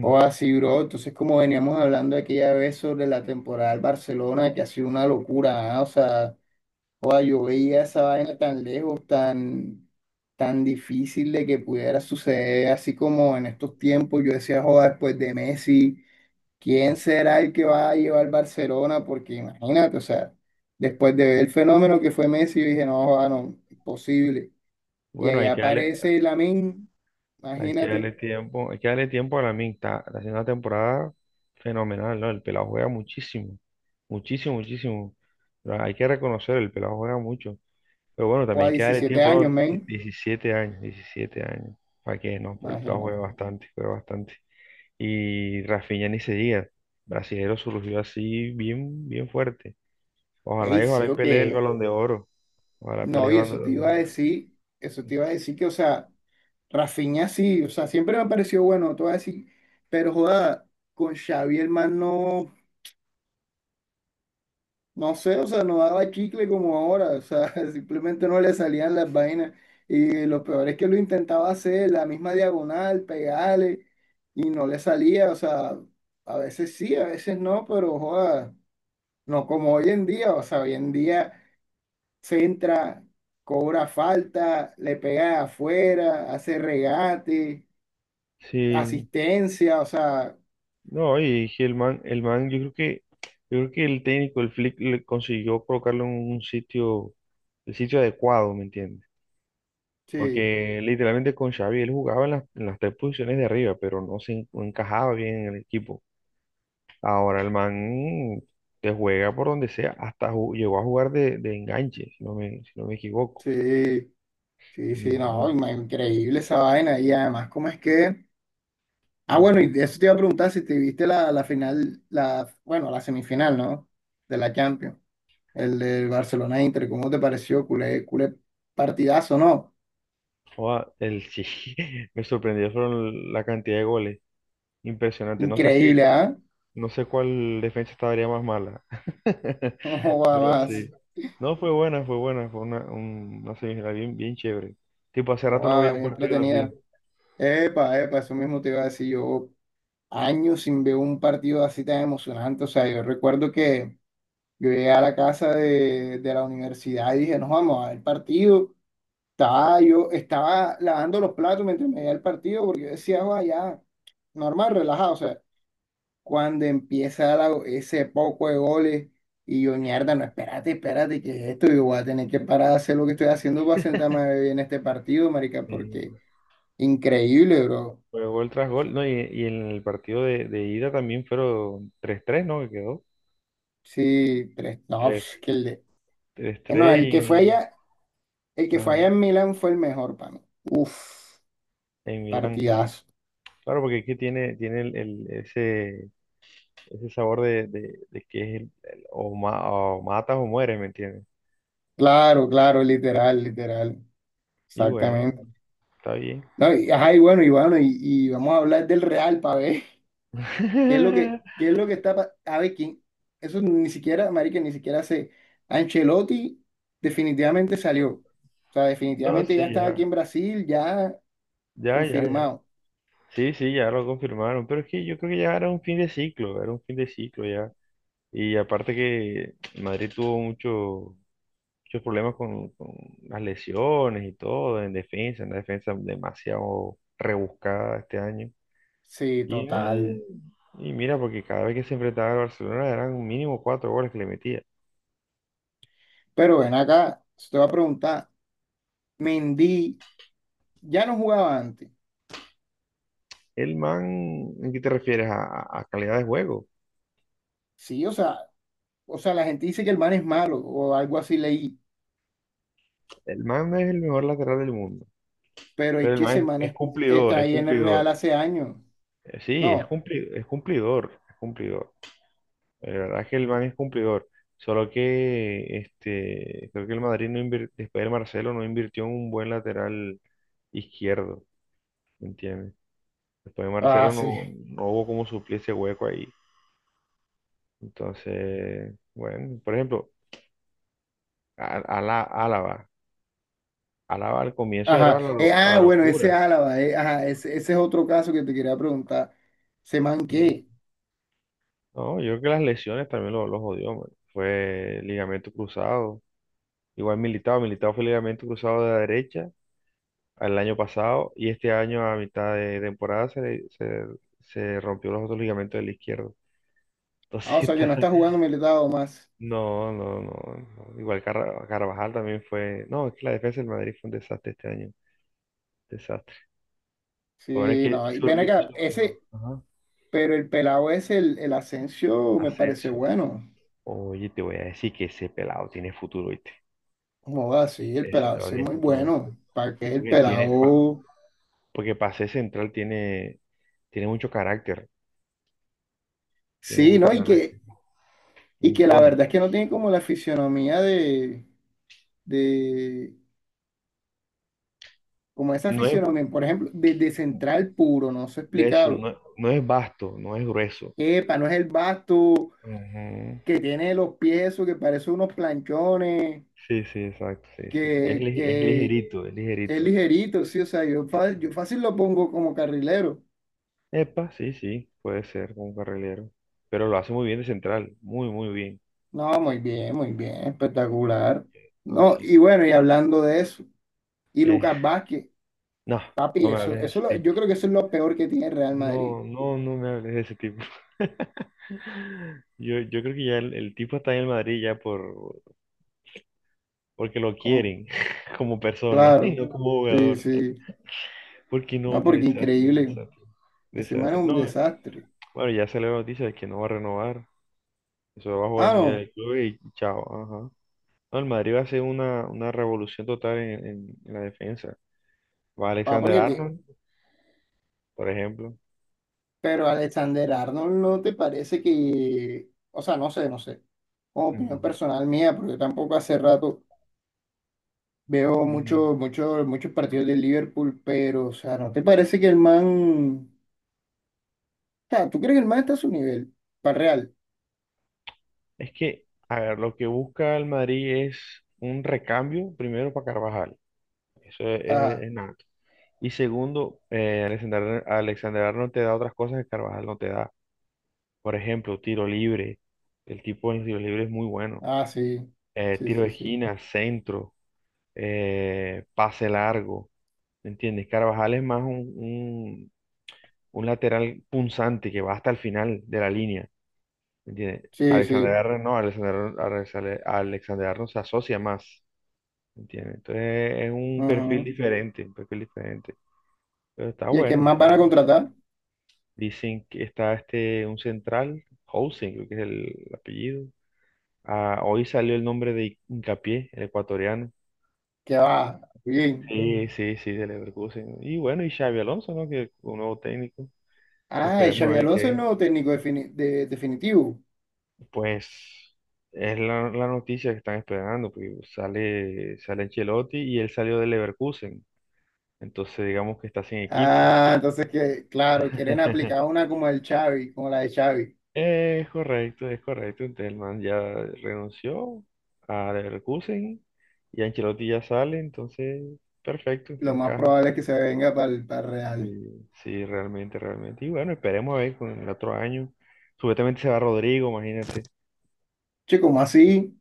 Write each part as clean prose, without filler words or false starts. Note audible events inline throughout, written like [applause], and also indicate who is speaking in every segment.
Speaker 1: O así, bro. Entonces, como veníamos hablando aquella vez sobre la temporada del Barcelona, que ha sido una locura, o sea, joda, yo veía esa vaina tan lejos, tan difícil de que pudiera suceder, así como en estos tiempos yo decía, joda, después de Messi, ¿quién será el que va a llevar Barcelona? Porque imagínate, o sea, después de ver el fenómeno que fue Messi, yo dije, no, joda, no, imposible. Y
Speaker 2: Bueno,
Speaker 1: ahí aparece Lamine,
Speaker 2: hay que darle
Speaker 1: imagínate,
Speaker 2: tiempo, hay que darle tiempo a la está haciendo una temporada fenomenal, ¿no? El pelado juega muchísimo, muchísimo, muchísimo. Pero hay que reconocer, el pelado juega mucho. Pero bueno,
Speaker 1: o
Speaker 2: también
Speaker 1: a
Speaker 2: hay que darle
Speaker 1: 17
Speaker 2: tiempo, ¿no?
Speaker 1: años, men,
Speaker 2: Diecisiete años, 17 años. ¿Para qué? No, pero el pelado juega
Speaker 1: imagínate.
Speaker 2: bastante, juega bastante. Y Rafinha ni se diga. Brasilero surgió así bien, bien fuerte.
Speaker 1: Ey,
Speaker 2: Ojalá y ojalá
Speaker 1: sí,
Speaker 2: y
Speaker 1: o
Speaker 2: pelee el
Speaker 1: que.
Speaker 2: Balón de Oro. Ojalá
Speaker 1: No,
Speaker 2: pelee el
Speaker 1: y eso te
Speaker 2: Balón de
Speaker 1: iba a
Speaker 2: Oro.
Speaker 1: decir, eso te iba a decir que, o sea, Rafinha sí, o sea, siempre me pareció bueno, te voy a decir, pero joda, con Xavi el man no, no sé, o sea, no daba chicle como ahora, o sea, [laughs] simplemente no le salían las vainas. Y lo peor es que lo intentaba hacer, la misma diagonal, pegarle, y no le salía, o sea, a veces sí, a veces no, pero joda, no como hoy en día, o sea, hoy en día, centra, cobra falta, le pega de afuera, hace regate,
Speaker 2: Sí.
Speaker 1: asistencia, o sea,
Speaker 2: No, y sí, el man, yo creo que el técnico, el Flick, le consiguió colocarlo en un sitio, el sitio adecuado, ¿me entiendes?
Speaker 1: sí,
Speaker 2: Porque literalmente con Xavi él jugaba en en las tres posiciones de arriba, pero no encajaba bien en el equipo. Ahora el man te juega por donde sea, llegó a jugar de enganche, si no me equivoco.
Speaker 1: sí, sí, sí, no,
Speaker 2: Mm,
Speaker 1: increíble esa vaina. Y además, ¿cómo es que? Ah, bueno, y
Speaker 2: ujú.
Speaker 1: de eso te iba a preguntar si te viste la final, bueno, la semifinal, ¿no? De la Champions, el del Barcelona Inter, ¿cómo te pareció? Culé, culé partidazo, ¿no?
Speaker 2: Joda, [laughs] sí, me sorprendió fueron la cantidad de goles, impresionante.
Speaker 1: Increíble, ¿ah? [laughs]
Speaker 2: No sé cuál defensa estaría más mala,
Speaker 1: No
Speaker 2: [laughs]
Speaker 1: joda
Speaker 2: pero sí.
Speaker 1: más,
Speaker 2: No, fue buena, una semifinal bien, bien chévere. Tipo, hace rato no veía
Speaker 1: joda,
Speaker 2: un
Speaker 1: bien
Speaker 2: partido así.
Speaker 1: entretenida. Epa, epa, eso mismo te iba a decir yo. Años sin ver un partido así tan emocionante. O sea, yo recuerdo que yo llegué a la casa de la universidad y dije, nos vamos a ver el partido. Estaba yo, estaba lavando los platos mientras me veía el partido porque yo decía, vaya, normal, relajado. O sea, cuando empieza ese poco de goles y yo, mierda, no, espérate, espérate, que es esto? Yo voy a tener que parar de hacer lo que estoy haciendo para sentarme a ver bien este partido, marica, porque
Speaker 2: Eh,
Speaker 1: increíble, bro.
Speaker 2: Fue gol tras gol, no, y en el partido de ida también fueron tres ¿no? Que quedó.
Speaker 1: Sí, tres, no, pf,
Speaker 2: tres-
Speaker 1: que el, No,
Speaker 2: 3-3.
Speaker 1: el que fue
Speaker 2: Y
Speaker 1: allá, el que fue
Speaker 2: ajá,
Speaker 1: allá en Milán fue el mejor para mí. Uf,
Speaker 2: en Milán.
Speaker 1: partidazo.
Speaker 2: Claro, porque aquí tiene, ese, ese sabor de, de que es o matas o mueres, ¿me entiendes?
Speaker 1: Claro, claro, literal, literal.
Speaker 2: Y bueno,
Speaker 1: Exactamente.
Speaker 2: está bien.
Speaker 1: No, y, ajá, y bueno, y bueno, y vamos a hablar del Real para ver [laughs] qué es lo que,
Speaker 2: [laughs]
Speaker 1: qué es lo que a ver quién. Eso ni siquiera, marica, ni siquiera sé. Ancelotti definitivamente salió. O sea,
Speaker 2: No,
Speaker 1: definitivamente
Speaker 2: sí,
Speaker 1: ya está aquí
Speaker 2: ya.
Speaker 1: en Brasil, ya
Speaker 2: Ya, ya, ya.
Speaker 1: confirmado.
Speaker 2: Sí, sí, ya lo confirmaron. Pero es que yo creo que ya era un fin de ciclo, era un fin de ciclo ya. Y aparte que Madrid tuvo mucho- muchos problemas con las lesiones y todo, en defensa, en la defensa demasiado rebuscada este año.
Speaker 1: Sí,
Speaker 2: Y,
Speaker 1: total.
Speaker 2: eh, y mira, porque cada vez que se enfrentaba al Barcelona eran mínimo 4 goles que le metía.
Speaker 1: Pero ven acá, te voy a preguntar, Mendy ya no jugaba antes.
Speaker 2: El man, ¿en qué te refieres? A calidad de juego.
Speaker 1: Sí, o sea, la gente dice que el man es malo o algo así leí,
Speaker 2: El man no es el mejor lateral del mundo.
Speaker 1: pero es
Speaker 2: Pero el
Speaker 1: que
Speaker 2: man
Speaker 1: ese
Speaker 2: es
Speaker 1: está
Speaker 2: cumplidor, es
Speaker 1: ahí en el Real
Speaker 2: cumplidor.
Speaker 1: hace años.
Speaker 2: Sí,
Speaker 1: No.
Speaker 2: es cumplidor, es cumplidor. La verdad es que el man es cumplidor. Solo que este, creo que el Madrid no invir- después de Marcelo, no invirtió en un buen lateral izquierdo, ¿me entiendes? Después de
Speaker 1: Ah,
Speaker 2: Marcelo
Speaker 1: sí.
Speaker 2: no, no hubo como suplir ese hueco ahí. Entonces, bueno, por ejemplo, Álava. Álava al comienzo era
Speaker 1: Ajá.
Speaker 2: la
Speaker 1: Ah, bueno, ese
Speaker 2: locura.
Speaker 1: Álava, ajá, ese es otro caso que te quería preguntar. ¿Se man qué?
Speaker 2: No, yo creo que las lesiones también lo jodió, man. Fue ligamento cruzado. Igual militado, militado fue ligamento cruzado de la derecha al año pasado, y este año a mitad de temporada se rompió los otros ligamentos del izquierdo.
Speaker 1: Ah, o
Speaker 2: Entonces, [laughs]
Speaker 1: sea, que no está jugando militado más.
Speaker 2: no, no, no, no. Igual Carvajal también fue. No, es que la defensa del Madrid fue un desastre este año. Desastre. Lo bueno es
Speaker 1: Sí,
Speaker 2: que
Speaker 1: no. Y ven
Speaker 2: surgió.
Speaker 1: acá, ese,
Speaker 2: Ajá.
Speaker 1: pero el pelado ese el Asensio me parece
Speaker 2: Asensio.
Speaker 1: bueno.
Speaker 2: Oye, te voy a decir que ese pelado tiene futuro, ¿viste?
Speaker 1: No, sí, el
Speaker 2: Ese
Speaker 1: pelado
Speaker 2: pelado
Speaker 1: ese es
Speaker 2: tiene
Speaker 1: muy
Speaker 2: futuro.
Speaker 1: bueno. ¿Para qué el
Speaker 2: Porque tiene. pa-
Speaker 1: pelado?
Speaker 2: Porque para ser central tiene, tiene mucho carácter. Tiene
Speaker 1: Sí,
Speaker 2: mucho
Speaker 1: ¿no? Y
Speaker 2: carácter.
Speaker 1: que y que la
Speaker 2: Impone.
Speaker 1: verdad es que no tiene como la fisionomía de como esa
Speaker 2: No es
Speaker 1: fisionomía, por ejemplo, de central puro, no sé
Speaker 2: de eso,
Speaker 1: explicarlo.
Speaker 2: no, no es vasto, no es grueso.
Speaker 1: Epa, no es el basto
Speaker 2: Ujú.
Speaker 1: que tiene los pies, eso que parece unos planchones,
Speaker 2: Sí, sí, exacto, sí, sí, sí. Es
Speaker 1: que
Speaker 2: ligerito, es
Speaker 1: es
Speaker 2: ligerito.
Speaker 1: ligerito, sí, o sea, yo,
Speaker 2: Sí,
Speaker 1: yo
Speaker 2: sí.
Speaker 1: fácil lo pongo como carrilero.
Speaker 2: Epa, sí, sí, puede ser como un carrilero. Pero lo hace muy bien de central, muy, muy bien.
Speaker 1: No, muy bien, espectacular.
Speaker 2: Ah,
Speaker 1: No,
Speaker 2: sí,
Speaker 1: y
Speaker 2: sí.
Speaker 1: bueno, y hablando de eso, y
Speaker 2: Que-
Speaker 1: Lucas Vázquez,
Speaker 2: no,
Speaker 1: papi,
Speaker 2: no me
Speaker 1: eso,
Speaker 2: hables de ese
Speaker 1: yo
Speaker 2: tipo.
Speaker 1: creo que eso es lo peor que tiene el Real Madrid
Speaker 2: No, no, no me hables de ese tipo. [laughs] Yo creo que ya el tipo está en el Madrid ya por, porque lo
Speaker 1: como.
Speaker 2: quieren [laughs] como persona y
Speaker 1: Claro,
Speaker 2: no como
Speaker 1: sí,
Speaker 2: jugador.
Speaker 1: sí.
Speaker 2: Porque no,
Speaker 1: No,
Speaker 2: qué
Speaker 1: porque
Speaker 2: desastre,
Speaker 1: increíble.
Speaker 2: desastre,
Speaker 1: Ese man es
Speaker 2: desastre.
Speaker 1: un
Speaker 2: No,
Speaker 1: desastre.
Speaker 2: bueno, ya salió la noticia de que no va a renovar. Eso va a jugar
Speaker 1: Ah,
Speaker 2: muy
Speaker 1: no.
Speaker 2: del club y chao. Ajá. No, el Madrid va a hacer una revolución total en, en la defensa. Va
Speaker 1: Ah,
Speaker 2: Alexander
Speaker 1: porque te...
Speaker 2: Arnold, por ejemplo.
Speaker 1: Pero Alexander Arnold no te parece que... O sea, no sé, no sé. Opinión
Speaker 2: Ujú,
Speaker 1: personal mía, porque tampoco hace rato veo
Speaker 2: ujú.
Speaker 1: mucho, mucho, muchos partidos del Liverpool, pero, o sea, ¿no te parece que el man... O sea, ¿tú crees que el man está a su nivel? Para real.
Speaker 2: Es que, a ver, lo que busca el Madrid es un recambio, primero para Carvajal. Eso es,
Speaker 1: Ah,
Speaker 2: es nato. Y segundo, Alexander Arnold te da otras cosas que Carvajal no te da. Por ejemplo, tiro libre. El tipo en los tiros libres es muy bueno.
Speaker 1: ah, sí. Sí,
Speaker 2: Tiro de
Speaker 1: sí, sí.
Speaker 2: esquina, centro, pase largo. ¿Me entiendes? Carvajal es más un lateral punzante que va hasta el final de la línea. ¿Me entiendes?
Speaker 1: Sí,
Speaker 2: Alexander
Speaker 1: sí.
Speaker 2: Arnold no, Alexander Arnold se asocia más. ¿Me entiendes? Entonces es un perfil
Speaker 1: Ujú.
Speaker 2: diferente, un perfil diferente. Pero está
Speaker 1: ¿Y a quién
Speaker 2: bueno.
Speaker 1: más
Speaker 2: Está
Speaker 1: van a
Speaker 2: bueno.
Speaker 1: contratar?
Speaker 2: Dicen que está este, un central, Housing, creo que es el apellido. Ah, hoy salió el nombre de Hincapié, el ecuatoriano.
Speaker 1: Que va. Bien.
Speaker 2: Sí, sí. Sí, sí, de Leverkusen. Y bueno, y Xavi Alonso, ¿no? Que un nuevo técnico.
Speaker 1: Ah, es
Speaker 2: Esperemos a
Speaker 1: Xabi
Speaker 2: ver
Speaker 1: Alonso el
Speaker 2: qué.
Speaker 1: nuevo técnico definitivo.
Speaker 2: Pues es la noticia que están esperando. Pues sale, sale Ancelotti y él salió de Leverkusen. Entonces digamos que está sin equipo.
Speaker 1: Ah, entonces que, claro, quieren aplicar
Speaker 2: [laughs]
Speaker 1: una como el Xavi, como la de Xavi.
Speaker 2: Es correcto, es correcto. Entonces el man ya renunció a Leverkusen y Ancelotti ya sale. Entonces, perfecto,
Speaker 1: Lo más
Speaker 2: encaja.
Speaker 1: probable es que se venga para el Real.
Speaker 2: Sí, sí, realmente, realmente. Y bueno, esperemos a ver con el otro año. Supuestamente se va Rodrigo, imagínate.
Speaker 1: Che, ¿cómo así?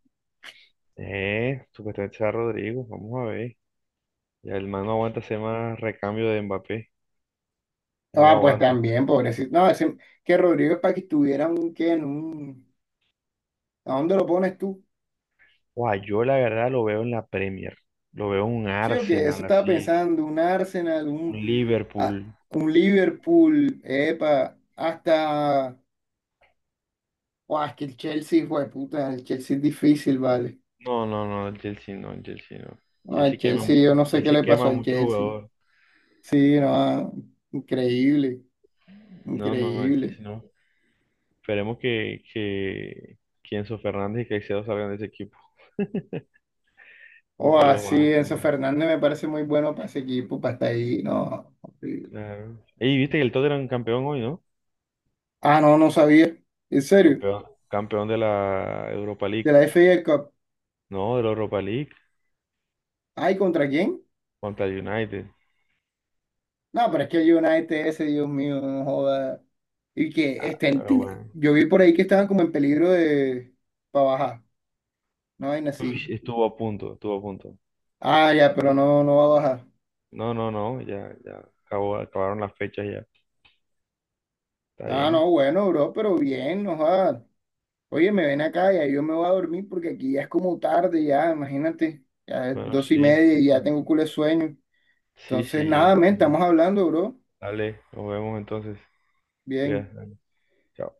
Speaker 2: Supuestamente se va Rodrigo, vamos a ver. Ya el man no aguanta hacer más recambio de Mbappé, no lo
Speaker 1: Ah, pues
Speaker 2: aguanta.
Speaker 1: también, pobrecito. No, ese- que Rodrigo es para que estuviera un qué, en un... ¿A dónde lo pones tú?
Speaker 2: Guau, yo la verdad lo veo en la Premier, lo veo en un
Speaker 1: Sí, o que
Speaker 2: Arsenal
Speaker 1: eso estaba
Speaker 2: así,
Speaker 1: pensando, un Arsenal,
Speaker 2: un
Speaker 1: un, a-
Speaker 2: Liverpool.
Speaker 1: un Liverpool, epa, hasta... Guau, es que el Chelsea, fue puta, el Chelsea es difícil, vale.
Speaker 2: No, no, no, el Chelsea no, el Chelsea no.
Speaker 1: No, al
Speaker 2: Chelsea quema,
Speaker 1: Chelsea,
Speaker 2: mu-
Speaker 1: yo no sé qué
Speaker 2: Chelsea
Speaker 1: le pasó
Speaker 2: quema
Speaker 1: al
Speaker 2: mucho
Speaker 1: Chelsea.
Speaker 2: jugador.
Speaker 1: Sí, no, increíble,
Speaker 2: No, no, no, el Chelsea
Speaker 1: increíble.
Speaker 2: no. Esperemos que Enzo Fernández y Caicedo salgan de ese equipo.
Speaker 1: O
Speaker 2: Porque lo
Speaker 1: así,
Speaker 2: van a
Speaker 1: Enzo
Speaker 2: quemar.
Speaker 1: Fernández me parece muy bueno para ese equipo, para estar ahí, no. Horrible.
Speaker 2: Claro. Ey, viste que el Tottenham campeón hoy, ¿no?
Speaker 1: Ah, no, no sabía. En serio,
Speaker 2: Campeón, campeón de la Europa League.
Speaker 1: de la FA Cup.
Speaker 2: No, de la Europa League
Speaker 1: ¿Ay, contra quién?
Speaker 2: contra el United.
Speaker 1: No, pero es que el United ese, Dios mío, no joda. Y que estén,
Speaker 2: Pero bueno.
Speaker 1: yo vi por ahí que estaban como en peligro de, para bajar, no, vaina
Speaker 2: Uy,
Speaker 1: así.
Speaker 2: estuvo a punto, estuvo a punto.
Speaker 1: Ah, ya, pero no, no va a bajar.
Speaker 2: No, no, no, ya, ya. Acabó, acabaron las fechas ya. Está
Speaker 1: Ah,
Speaker 2: bien.
Speaker 1: no, bueno, bro, pero bien, no joda. Oye, me ven acá, ya yo me voy a dormir porque aquí ya es como tarde, ya, imagínate, ya es
Speaker 2: Bueno,
Speaker 1: dos y
Speaker 2: sí,
Speaker 1: media
Speaker 2: sí,
Speaker 1: y ya
Speaker 2: sí.
Speaker 1: tengo culo de sueño.
Speaker 2: Sí,
Speaker 1: Entonces,
Speaker 2: sí, ya.
Speaker 1: nada, men, estamos hablando, bro.
Speaker 2: Dale, nos vemos entonces.
Speaker 1: Bien.
Speaker 2: Cuídate. Dale. Chao.